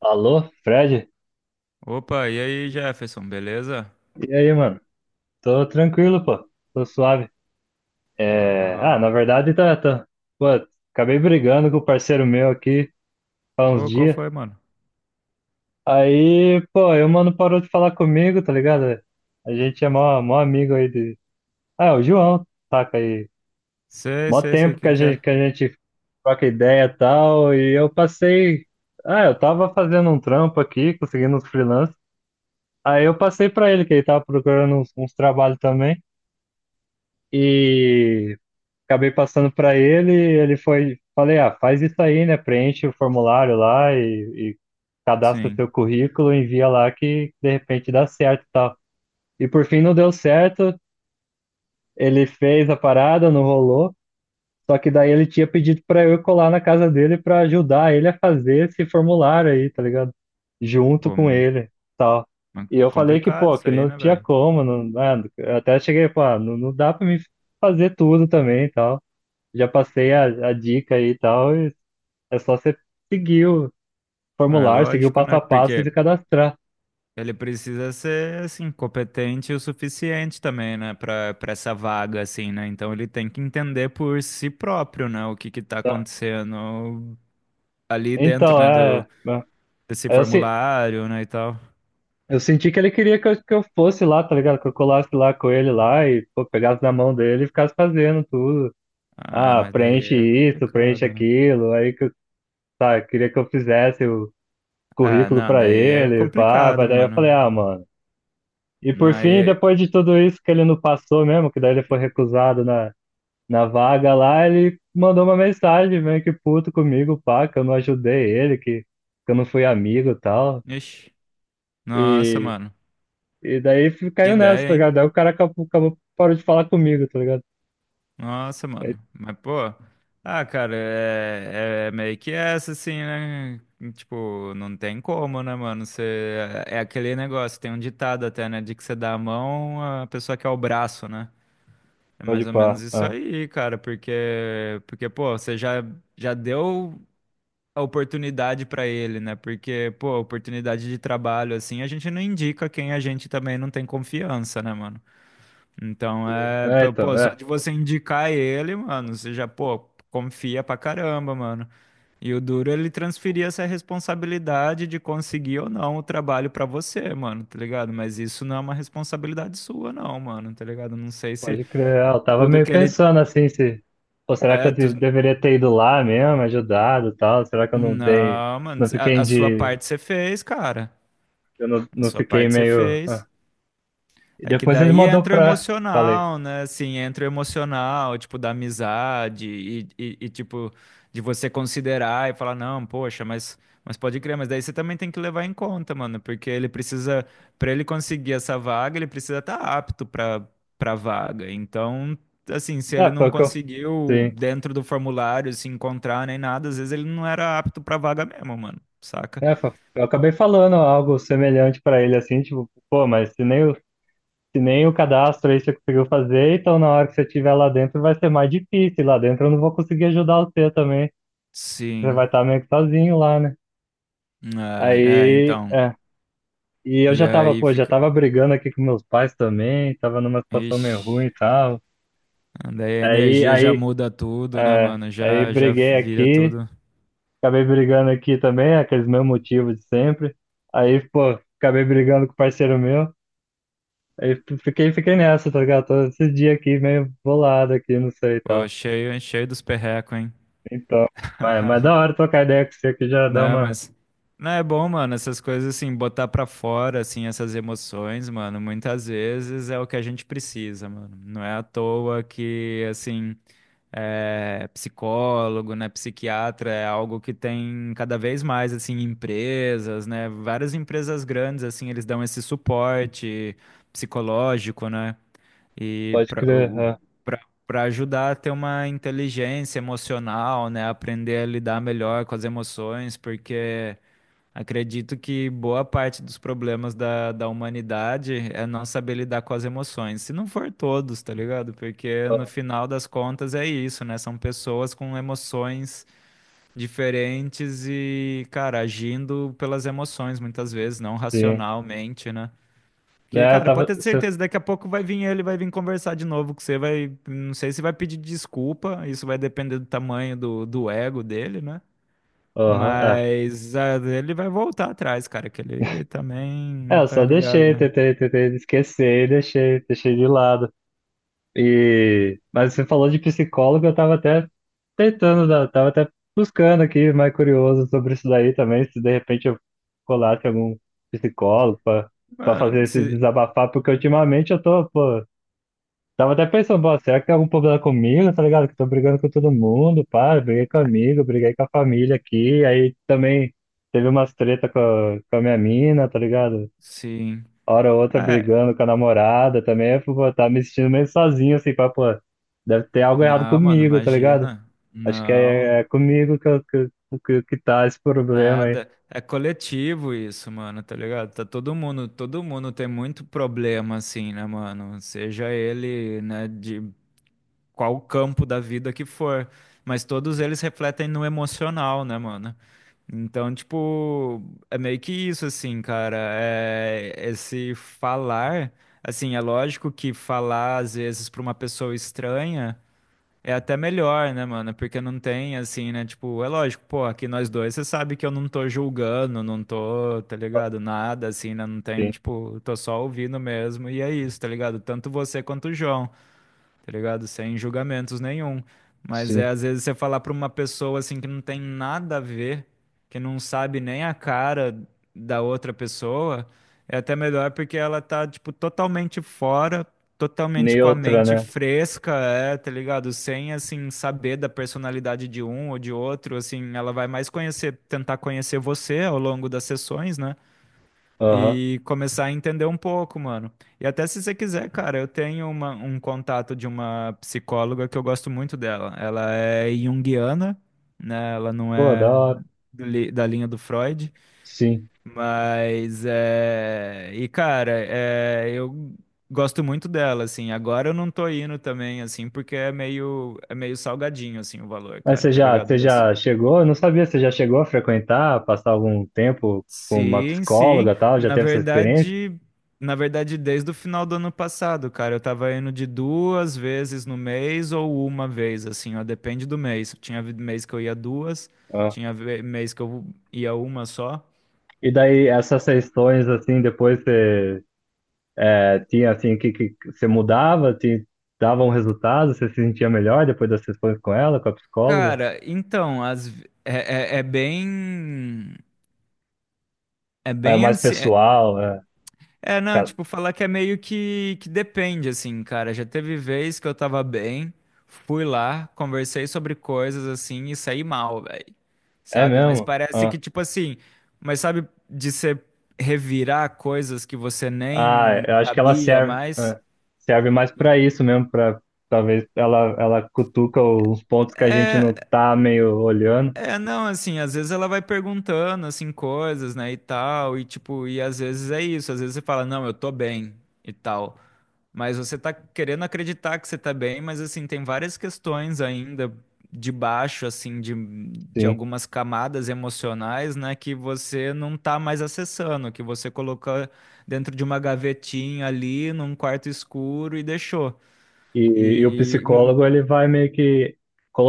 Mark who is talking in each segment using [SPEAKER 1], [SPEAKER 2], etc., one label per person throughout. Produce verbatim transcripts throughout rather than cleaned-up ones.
[SPEAKER 1] Alô, Fred?
[SPEAKER 2] Opa, e aí, Jefferson, beleza?
[SPEAKER 1] E aí, mano? Tô tranquilo, pô. Tô suave. É... Ah, na
[SPEAKER 2] Bom.
[SPEAKER 1] verdade, tá, tá. Pô, acabei brigando com o parceiro meu aqui há uns
[SPEAKER 2] Ô, qual
[SPEAKER 1] dias.
[SPEAKER 2] foi, mano?
[SPEAKER 1] Aí, pô, aí o mano parou de falar comigo, tá ligado? A gente é mó, mó amigo aí de. Ah, é o João, saca aí.
[SPEAKER 2] Sei,
[SPEAKER 1] Mó
[SPEAKER 2] sei, sei
[SPEAKER 1] tempo que
[SPEAKER 2] quem
[SPEAKER 1] a
[SPEAKER 2] que é.
[SPEAKER 1] gente, que a gente troca ideia e tal. E eu passei. Ah, eu tava fazendo um trampo aqui, conseguindo uns freelance. Aí eu passei pra ele, que ele tava procurando uns, uns trabalhos também. E acabei passando para ele, ele foi, falei, ah, faz isso aí, né? Preenche o formulário lá e, e cadastra
[SPEAKER 2] Sim.
[SPEAKER 1] seu currículo, envia lá que de repente dá certo e tal. E por fim não deu certo, ele fez a parada, não rolou. Só que daí ele tinha pedido para eu ir colar na casa dele para ajudar ele a fazer esse formulário aí, tá ligado? Junto
[SPEAKER 2] Pô,
[SPEAKER 1] com
[SPEAKER 2] mas
[SPEAKER 1] ele, tal.
[SPEAKER 2] mas
[SPEAKER 1] E eu falei que,
[SPEAKER 2] complicado
[SPEAKER 1] pô,
[SPEAKER 2] isso
[SPEAKER 1] que
[SPEAKER 2] aí,
[SPEAKER 1] não
[SPEAKER 2] né,
[SPEAKER 1] tinha
[SPEAKER 2] velho?
[SPEAKER 1] como, não, né? Eu até cheguei, pô, ah, não, não dá para mim fazer tudo também, tal já passei a, a dica aí e tal, e é só você seguir o
[SPEAKER 2] Ah, é
[SPEAKER 1] formulário, seguir o
[SPEAKER 2] lógico,
[SPEAKER 1] passo
[SPEAKER 2] né?
[SPEAKER 1] a passo e se
[SPEAKER 2] Porque
[SPEAKER 1] cadastrar.
[SPEAKER 2] ele precisa ser, assim, competente o suficiente também, né? Pra, pra essa vaga, assim, né? Então ele tem que entender por si próprio, né? O que que tá
[SPEAKER 1] Tá?
[SPEAKER 2] acontecendo ali dentro,
[SPEAKER 1] Então,
[SPEAKER 2] né? Do,
[SPEAKER 1] é. é,
[SPEAKER 2] desse
[SPEAKER 1] Eu, se-
[SPEAKER 2] formulário, né? E tal.
[SPEAKER 1] Eu senti que ele queria que eu, que eu fosse lá, tá ligado? Que eu colasse lá com ele lá e pô, pegasse na mão dele e ficasse fazendo tudo.
[SPEAKER 2] Ah,
[SPEAKER 1] Ah,
[SPEAKER 2] mas daí
[SPEAKER 1] preenche
[SPEAKER 2] é
[SPEAKER 1] isso, preenche
[SPEAKER 2] complicado, né?
[SPEAKER 1] aquilo. Aí que eu, tá, queria que eu fizesse o
[SPEAKER 2] Ah,
[SPEAKER 1] currículo
[SPEAKER 2] não,
[SPEAKER 1] pra
[SPEAKER 2] daí é
[SPEAKER 1] ele, pá, mas
[SPEAKER 2] complicado,
[SPEAKER 1] daí eu falei,
[SPEAKER 2] mano.
[SPEAKER 1] ah, mano. E por fim,
[SPEAKER 2] Aí,
[SPEAKER 1] depois de tudo isso que ele não passou mesmo, que daí ele foi recusado na, na vaga lá, ele mandou uma mensagem meio que puto comigo, pá, que eu não ajudei ele, que, que eu não fui amigo e tal.
[SPEAKER 2] ixi, nossa,
[SPEAKER 1] E,
[SPEAKER 2] mano.
[SPEAKER 1] e daí fi-
[SPEAKER 2] Que
[SPEAKER 1] caiu nessa,
[SPEAKER 2] ideia,
[SPEAKER 1] tá
[SPEAKER 2] hein?
[SPEAKER 1] ligado? Aí o cara acabou, acabou- parou de falar comigo, tá ligado?
[SPEAKER 2] Nossa, mano. Mas, pô, ah, cara, é, é meio que essa, assim, né? Tipo, não tem como, né, mano? Você, é é aquele negócio, tem um ditado até, né? De que você dá a mão, a pessoa quer o braço, né? É mais
[SPEAKER 1] Pode
[SPEAKER 2] ou menos
[SPEAKER 1] pá.
[SPEAKER 2] isso
[SPEAKER 1] Ah,
[SPEAKER 2] aí, cara, porque, porque pô, você já, já deu a oportunidade pra ele, né? Porque, pô, oportunidade de trabalho, assim, a gente não indica quem a gente também não tem confiança, né, mano? Então,
[SPEAKER 1] sim.
[SPEAKER 2] é,
[SPEAKER 1] É,
[SPEAKER 2] pô,
[SPEAKER 1] então,
[SPEAKER 2] pô, só
[SPEAKER 1] é.
[SPEAKER 2] de você indicar ele, mano, você já, pô, confia pra caramba, mano. E o duro é ele transferir essa responsabilidade de conseguir ou não o trabalho pra você, mano, tá ligado? Mas isso não é uma responsabilidade sua, não, mano, tá ligado? Não sei se
[SPEAKER 1] Pode crer. É, eu tava
[SPEAKER 2] tudo
[SPEAKER 1] meio
[SPEAKER 2] que ele.
[SPEAKER 1] pensando assim, se. Pô, será que
[SPEAKER 2] É,
[SPEAKER 1] eu de-
[SPEAKER 2] tu...
[SPEAKER 1] deveria ter ido lá mesmo, ajudado e tal? Será que eu não dei.
[SPEAKER 2] Não, mano,
[SPEAKER 1] Não fiquei
[SPEAKER 2] a, a sua
[SPEAKER 1] de.
[SPEAKER 2] parte você fez, cara.
[SPEAKER 1] Eu não,
[SPEAKER 2] A
[SPEAKER 1] não
[SPEAKER 2] sua
[SPEAKER 1] fiquei
[SPEAKER 2] parte você
[SPEAKER 1] meio. ah.
[SPEAKER 2] fez.
[SPEAKER 1] E
[SPEAKER 2] É que
[SPEAKER 1] depois ele
[SPEAKER 2] daí
[SPEAKER 1] mandou
[SPEAKER 2] entra o
[SPEAKER 1] pra. Falei.
[SPEAKER 2] emocional, né? Assim, entra o emocional, tipo, da amizade e, e- e, tipo, de você considerar e falar, não, poxa, mas, mas pode crer, mas daí você também tem que levar em conta, mano, porque ele precisa, pra ele conseguir essa vaga, ele precisa estar apto pra, pra vaga. Então, assim, se
[SPEAKER 1] É,
[SPEAKER 2] ele
[SPEAKER 1] foi
[SPEAKER 2] não
[SPEAKER 1] o que eu.
[SPEAKER 2] conseguiu
[SPEAKER 1] Sim.
[SPEAKER 2] dentro do formulário se encontrar nem nada, às vezes ele não era apto pra vaga mesmo, mano, saca?
[SPEAKER 1] É, fa- eu acabei falando algo semelhante pra ele, assim, tipo, pô, mas se nem o, se nem o cadastro aí você conseguiu fazer, então na hora que você estiver lá dentro vai ser mais difícil. Lá dentro eu não vou conseguir ajudar você também. Você vai
[SPEAKER 2] Sim.
[SPEAKER 1] estar meio que sozinho lá, né?
[SPEAKER 2] É, é,
[SPEAKER 1] Aí,
[SPEAKER 2] então.
[SPEAKER 1] é. E eu
[SPEAKER 2] E
[SPEAKER 1] já tava,
[SPEAKER 2] aí
[SPEAKER 1] pô, já
[SPEAKER 2] fica.
[SPEAKER 1] tava brigando aqui com meus pais também, tava numa situação meio ruim
[SPEAKER 2] Ixi.
[SPEAKER 1] e tal.
[SPEAKER 2] Daí a
[SPEAKER 1] Aí,
[SPEAKER 2] energia já
[SPEAKER 1] aí,
[SPEAKER 2] muda tudo, né,
[SPEAKER 1] é,
[SPEAKER 2] mano?
[SPEAKER 1] aí
[SPEAKER 2] Já, já
[SPEAKER 1] briguei
[SPEAKER 2] vira
[SPEAKER 1] aqui,
[SPEAKER 2] tudo.
[SPEAKER 1] acabei brigando aqui também, aqueles meus motivos de sempre. Aí, pô, acabei brigando com o parceiro meu. Aí f- fiquei, fiquei nessa, tá ligado? Todo esse dia aqui meio bolado aqui, não sei e
[SPEAKER 2] Pô,
[SPEAKER 1] tal.
[SPEAKER 2] cheio, cheio dos perrecos, hein?
[SPEAKER 1] Então, mas, mas da hora trocar ideia com você aqui já dá
[SPEAKER 2] Não,
[SPEAKER 1] uma.
[SPEAKER 2] mas. Não, é bom, mano, essas coisas assim, botar pra fora, assim, essas emoções, mano, muitas vezes é o que a gente precisa, mano. Não é à toa que, assim, é, psicólogo, né, psiquiatra é algo que tem cada vez mais, assim, empresas, né, várias empresas grandes, assim, eles dão esse suporte psicológico, né? E
[SPEAKER 1] Pode
[SPEAKER 2] para
[SPEAKER 1] crer. ah,
[SPEAKER 2] para ajudar a ter uma inteligência emocional, né? Aprender a lidar melhor com as emoções, porque acredito que boa parte dos problemas da, da humanidade é não saber lidar com as emoções. Se não for todos, tá ligado? Porque no
[SPEAKER 1] ah,
[SPEAKER 2] final das contas é isso, né? São pessoas com emoções diferentes e, cara, agindo pelas emoções muitas vezes, não
[SPEAKER 1] sim.
[SPEAKER 2] racionalmente, né? Que,
[SPEAKER 1] É, eu
[SPEAKER 2] cara,
[SPEAKER 1] tava.
[SPEAKER 2] pode ter
[SPEAKER 1] Você,
[SPEAKER 2] certeza, daqui a pouco vai vir ele, vai vir conversar de novo com você, vai, não sei se vai pedir desculpa, isso vai depender do tamanho do, do ego dele, né?
[SPEAKER 1] aham, é.
[SPEAKER 2] Mas ah, ele vai voltar atrás, cara, que ele
[SPEAKER 1] É,
[SPEAKER 2] também,
[SPEAKER 1] eu só
[SPEAKER 2] tá ligado,
[SPEAKER 1] deixei,
[SPEAKER 2] né?
[SPEAKER 1] tentei, tentei esquecer e deixei, deixei de lado. E, mas você falou de psicólogo, eu tava até tentando, dar- tava até buscando aqui, mais curioso sobre isso daí também, se de repente eu colasse algum psicólogo pra pra
[SPEAKER 2] Mano,
[SPEAKER 1] fazer esse
[SPEAKER 2] se,
[SPEAKER 1] desabafar, porque ultimamente eu tô, pô, tava até pensando, pô, será que tem algum problema comigo, tá ligado? Que eu tô brigando com todo mundo, pá, eu briguei com amigo, briguei com a família aqui, aí também teve umas treta com a, com a minha mina, tá ligado?
[SPEAKER 2] sim.
[SPEAKER 1] Hora ou outra
[SPEAKER 2] É,
[SPEAKER 1] brigando com a namorada também, eu fico, pô, tava me sentindo meio sozinho, assim, pá, pô, deve ter algo errado
[SPEAKER 2] não, mano,
[SPEAKER 1] comigo, tá ligado?
[SPEAKER 2] imagina.
[SPEAKER 1] Acho que
[SPEAKER 2] Não,
[SPEAKER 1] é, é comigo que, eu- que, que, que tá esse problema aí.
[SPEAKER 2] nada. É coletivo isso, mano, tá ligado? Tá todo mundo, todo mundo tem muito problema assim, né, mano? Seja ele, né, de qual campo da vida que for. Mas todos eles refletem no emocional, né, mano? Então, tipo, é meio que isso, assim, cara. É esse falar, assim, é lógico que falar, às vezes, pra uma pessoa estranha é até melhor, né, mano? Porque não tem, assim, né? Tipo, é lógico, pô, aqui nós dois, você sabe que eu não tô julgando, não tô, tá ligado? Nada, assim, né? Não tem,
[SPEAKER 1] Sim,
[SPEAKER 2] tipo, tô só ouvindo mesmo. E é isso, tá ligado? Tanto você quanto o João, tá ligado? Sem julgamentos nenhum. Mas é
[SPEAKER 1] sim.
[SPEAKER 2] às vezes você falar pra uma pessoa assim que não tem nada a ver, que não sabe nem a cara da outra pessoa, é até melhor porque ela tá, tipo, totalmente fora, totalmente com a
[SPEAKER 1] Neutra,
[SPEAKER 2] mente
[SPEAKER 1] né?
[SPEAKER 2] fresca, é, tá ligado? Sem, assim, saber da personalidade de um ou de outro, assim, ela vai mais conhecer, tentar conhecer você ao longo das sessões, né?
[SPEAKER 1] Aham.
[SPEAKER 2] E começar a entender um pouco, mano. E até se você quiser, cara, eu tenho uma- um contato de uma psicóloga que eu gosto muito dela. Ela é junguiana, né? Ela não
[SPEAKER 1] Pô, da
[SPEAKER 2] é
[SPEAKER 1] hora.
[SPEAKER 2] do li- da linha do Freud,
[SPEAKER 1] Sim.
[SPEAKER 2] mas é... E, cara, é... eu gosto muito dela, assim. Agora eu não tô indo também, assim, porque é meio, é meio salgadinho, assim, o valor,
[SPEAKER 1] Mas
[SPEAKER 2] cara,
[SPEAKER 1] você
[SPEAKER 2] tá
[SPEAKER 1] já,
[SPEAKER 2] ligado?
[SPEAKER 1] você já chegou? Eu não sabia, você já chegou a frequentar, passar algum tempo com uma
[SPEAKER 2] Sim, sim.
[SPEAKER 1] psicóloga e tal? Já
[SPEAKER 2] Na
[SPEAKER 1] teve essa experiência?
[SPEAKER 2] verdade, na verdade, desde o final do ano passado, cara, eu tava indo de duas vezes no mês ou uma vez, assim, ó, depende do mês. Tinha vi- mês que eu ia duas,
[SPEAKER 1] Ah.
[SPEAKER 2] tinha ve- mês que eu ia uma só.
[SPEAKER 1] E daí, essas sessões, assim, depois você. É, tinha assim que, que você mudava, te dava um resultado, você se sentia melhor depois das sessões com ela, com a psicóloga.
[SPEAKER 2] Cara, então, as, ve- é, é, é bem, é
[SPEAKER 1] É
[SPEAKER 2] bem
[SPEAKER 1] mais
[SPEAKER 2] assim, é,
[SPEAKER 1] pessoal, é,
[SPEAKER 2] é, não,
[SPEAKER 1] ca-
[SPEAKER 2] tipo, falar que é meio que, que, depende, assim, cara. Já teve vez que eu tava bem, fui lá, conversei sobre coisas, assim, e saí mal, velho.
[SPEAKER 1] é
[SPEAKER 2] Sabe? Mas
[SPEAKER 1] mesmo?
[SPEAKER 2] parece
[SPEAKER 1] Ah,
[SPEAKER 2] que, tipo assim, mas sabe de você revirar coisas que você
[SPEAKER 1] ah,
[SPEAKER 2] nem
[SPEAKER 1] eu acho que ela
[SPEAKER 2] sabia
[SPEAKER 1] serve,
[SPEAKER 2] mais?
[SPEAKER 1] ah, serve mais para isso mesmo, para talvez ela ela cutuca os pontos que a gente não tá meio olhando,
[SPEAKER 2] É, não, assim, às vezes ela vai perguntando, assim, coisas, né, e tal, e tipo, e às vezes é isso, às vezes você fala, não, eu tô bem, e tal. Mas você tá querendo acreditar que você tá bem, mas assim, tem várias questões ainda debaixo, assim, de, de
[SPEAKER 1] sim.
[SPEAKER 2] algumas camadas emocionais, né, que você não tá mais acessando, que você colocou dentro de uma gavetinha ali, num quarto escuro e deixou.
[SPEAKER 1] E, e o
[SPEAKER 2] E hum,
[SPEAKER 1] psicólogo ele vai meio que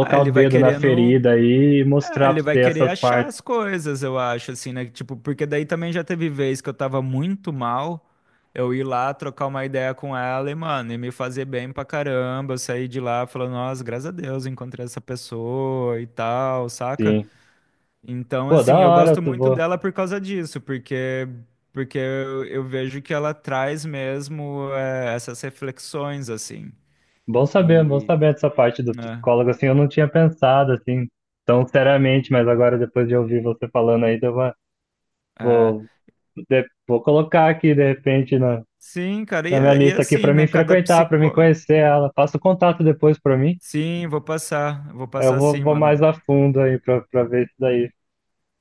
[SPEAKER 2] ah,
[SPEAKER 1] o
[SPEAKER 2] ele vai
[SPEAKER 1] dedo na
[SPEAKER 2] querendo.
[SPEAKER 1] ferida aí e
[SPEAKER 2] É,
[SPEAKER 1] mostrar
[SPEAKER 2] ele
[SPEAKER 1] para
[SPEAKER 2] vai
[SPEAKER 1] você
[SPEAKER 2] querer
[SPEAKER 1] essas
[SPEAKER 2] achar
[SPEAKER 1] partes,
[SPEAKER 2] as coisas, eu acho, assim, né? Tipo, porque daí também já teve vez que eu tava muito mal, eu ir lá trocar uma ideia com ela e, mano, e me fazer bem pra caramba. Eu saí de lá falando, nossa, graças a Deus, encontrei essa pessoa e tal, saca?
[SPEAKER 1] sim.
[SPEAKER 2] Então,
[SPEAKER 1] Pô, da
[SPEAKER 2] assim, eu
[SPEAKER 1] hora,
[SPEAKER 2] gosto
[SPEAKER 1] tu
[SPEAKER 2] muito
[SPEAKER 1] vou
[SPEAKER 2] dela por causa disso, porque, porque eu, eu vejo que ela traz mesmo, é, essas reflexões, assim.
[SPEAKER 1] bom saber, bom
[SPEAKER 2] E,
[SPEAKER 1] saber dessa parte do
[SPEAKER 2] né?
[SPEAKER 1] psicólogo, assim, eu não tinha pensado, assim, tão seriamente, mas agora depois de ouvir você falando aí, deu uma,
[SPEAKER 2] É.
[SPEAKER 1] vou, de- vou colocar aqui, de repente, na,
[SPEAKER 2] Sim, cara, e,
[SPEAKER 1] na minha
[SPEAKER 2] é- e é
[SPEAKER 1] lista aqui
[SPEAKER 2] assim,
[SPEAKER 1] para
[SPEAKER 2] né?
[SPEAKER 1] mim
[SPEAKER 2] Cada
[SPEAKER 1] frequentar, para mim
[SPEAKER 2] psicó.
[SPEAKER 1] conhecer ela, passa o contato depois para mim,
[SPEAKER 2] Sim, vou passar. Vou
[SPEAKER 1] aí eu
[SPEAKER 2] passar
[SPEAKER 1] vou,
[SPEAKER 2] sim,
[SPEAKER 1] vou
[SPEAKER 2] mano.
[SPEAKER 1] mais a fundo aí para ver isso daí.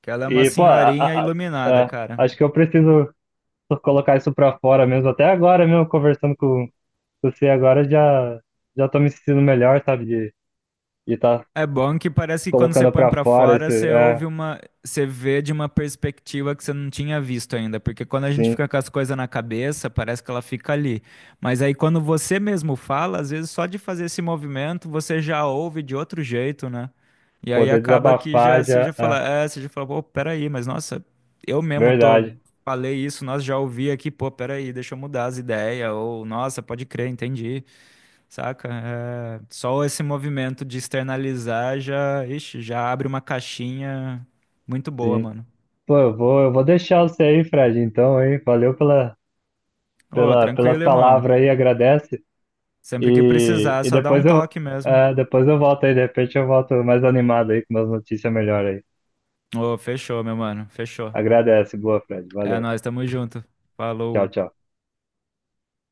[SPEAKER 2] Que ela é uma
[SPEAKER 1] E, pô, a-
[SPEAKER 2] senhorinha
[SPEAKER 1] a-
[SPEAKER 2] iluminada,
[SPEAKER 1] a- a-
[SPEAKER 2] cara.
[SPEAKER 1] acho que eu preciso colocar isso para fora mesmo, até agora mesmo, conversando com com você agora, já, já tô me sentindo melhor, sabe, de estar
[SPEAKER 2] É bom que parece que quando você
[SPEAKER 1] colocando
[SPEAKER 2] põe
[SPEAKER 1] pra
[SPEAKER 2] pra
[SPEAKER 1] fora esse,
[SPEAKER 2] fora, você
[SPEAKER 1] é,
[SPEAKER 2] ouve uma, você vê de uma perspectiva que você não tinha visto ainda, porque quando a gente
[SPEAKER 1] sim,
[SPEAKER 2] fica com as coisas na cabeça, parece que ela fica ali. Mas aí quando você mesmo fala, às vezes só de fazer esse movimento, você já ouve de outro jeito, né? E aí
[SPEAKER 1] poder
[SPEAKER 2] acaba que
[SPEAKER 1] desabafar
[SPEAKER 2] já você já
[SPEAKER 1] já, é,
[SPEAKER 2] fala, é, você já fala, pô, peraí, mas nossa, eu mesmo tô
[SPEAKER 1] verdade,
[SPEAKER 2] falei isso, nós já ouvi aqui, pô, peraí, deixa eu mudar as ideias, ou nossa, pode crer, entendi. Saca? É, só esse movimento de externalizar já, ixi, já abre uma caixinha muito boa,
[SPEAKER 1] sim.
[SPEAKER 2] mano.
[SPEAKER 1] Pô, eu vou, eu vou deixar você aí, Fred, então, hein? Valeu pela,
[SPEAKER 2] Ô,
[SPEAKER 1] pela, pelas
[SPEAKER 2] tranquilo, irmão.
[SPEAKER 1] palavras aí, agradece.
[SPEAKER 2] Sempre que
[SPEAKER 1] E,
[SPEAKER 2] precisar,
[SPEAKER 1] e
[SPEAKER 2] só dá um
[SPEAKER 1] depois eu,
[SPEAKER 2] toque mesmo.
[SPEAKER 1] é, depois eu volto aí, de repente eu volto mais animado aí com umas notícias melhores aí.
[SPEAKER 2] Ô, fechou, meu mano. Fechou.
[SPEAKER 1] Agradece, boa, Fred,
[SPEAKER 2] É
[SPEAKER 1] valeu.
[SPEAKER 2] nóis, tamo junto.
[SPEAKER 1] Tchau,
[SPEAKER 2] Falou.
[SPEAKER 1] tchau.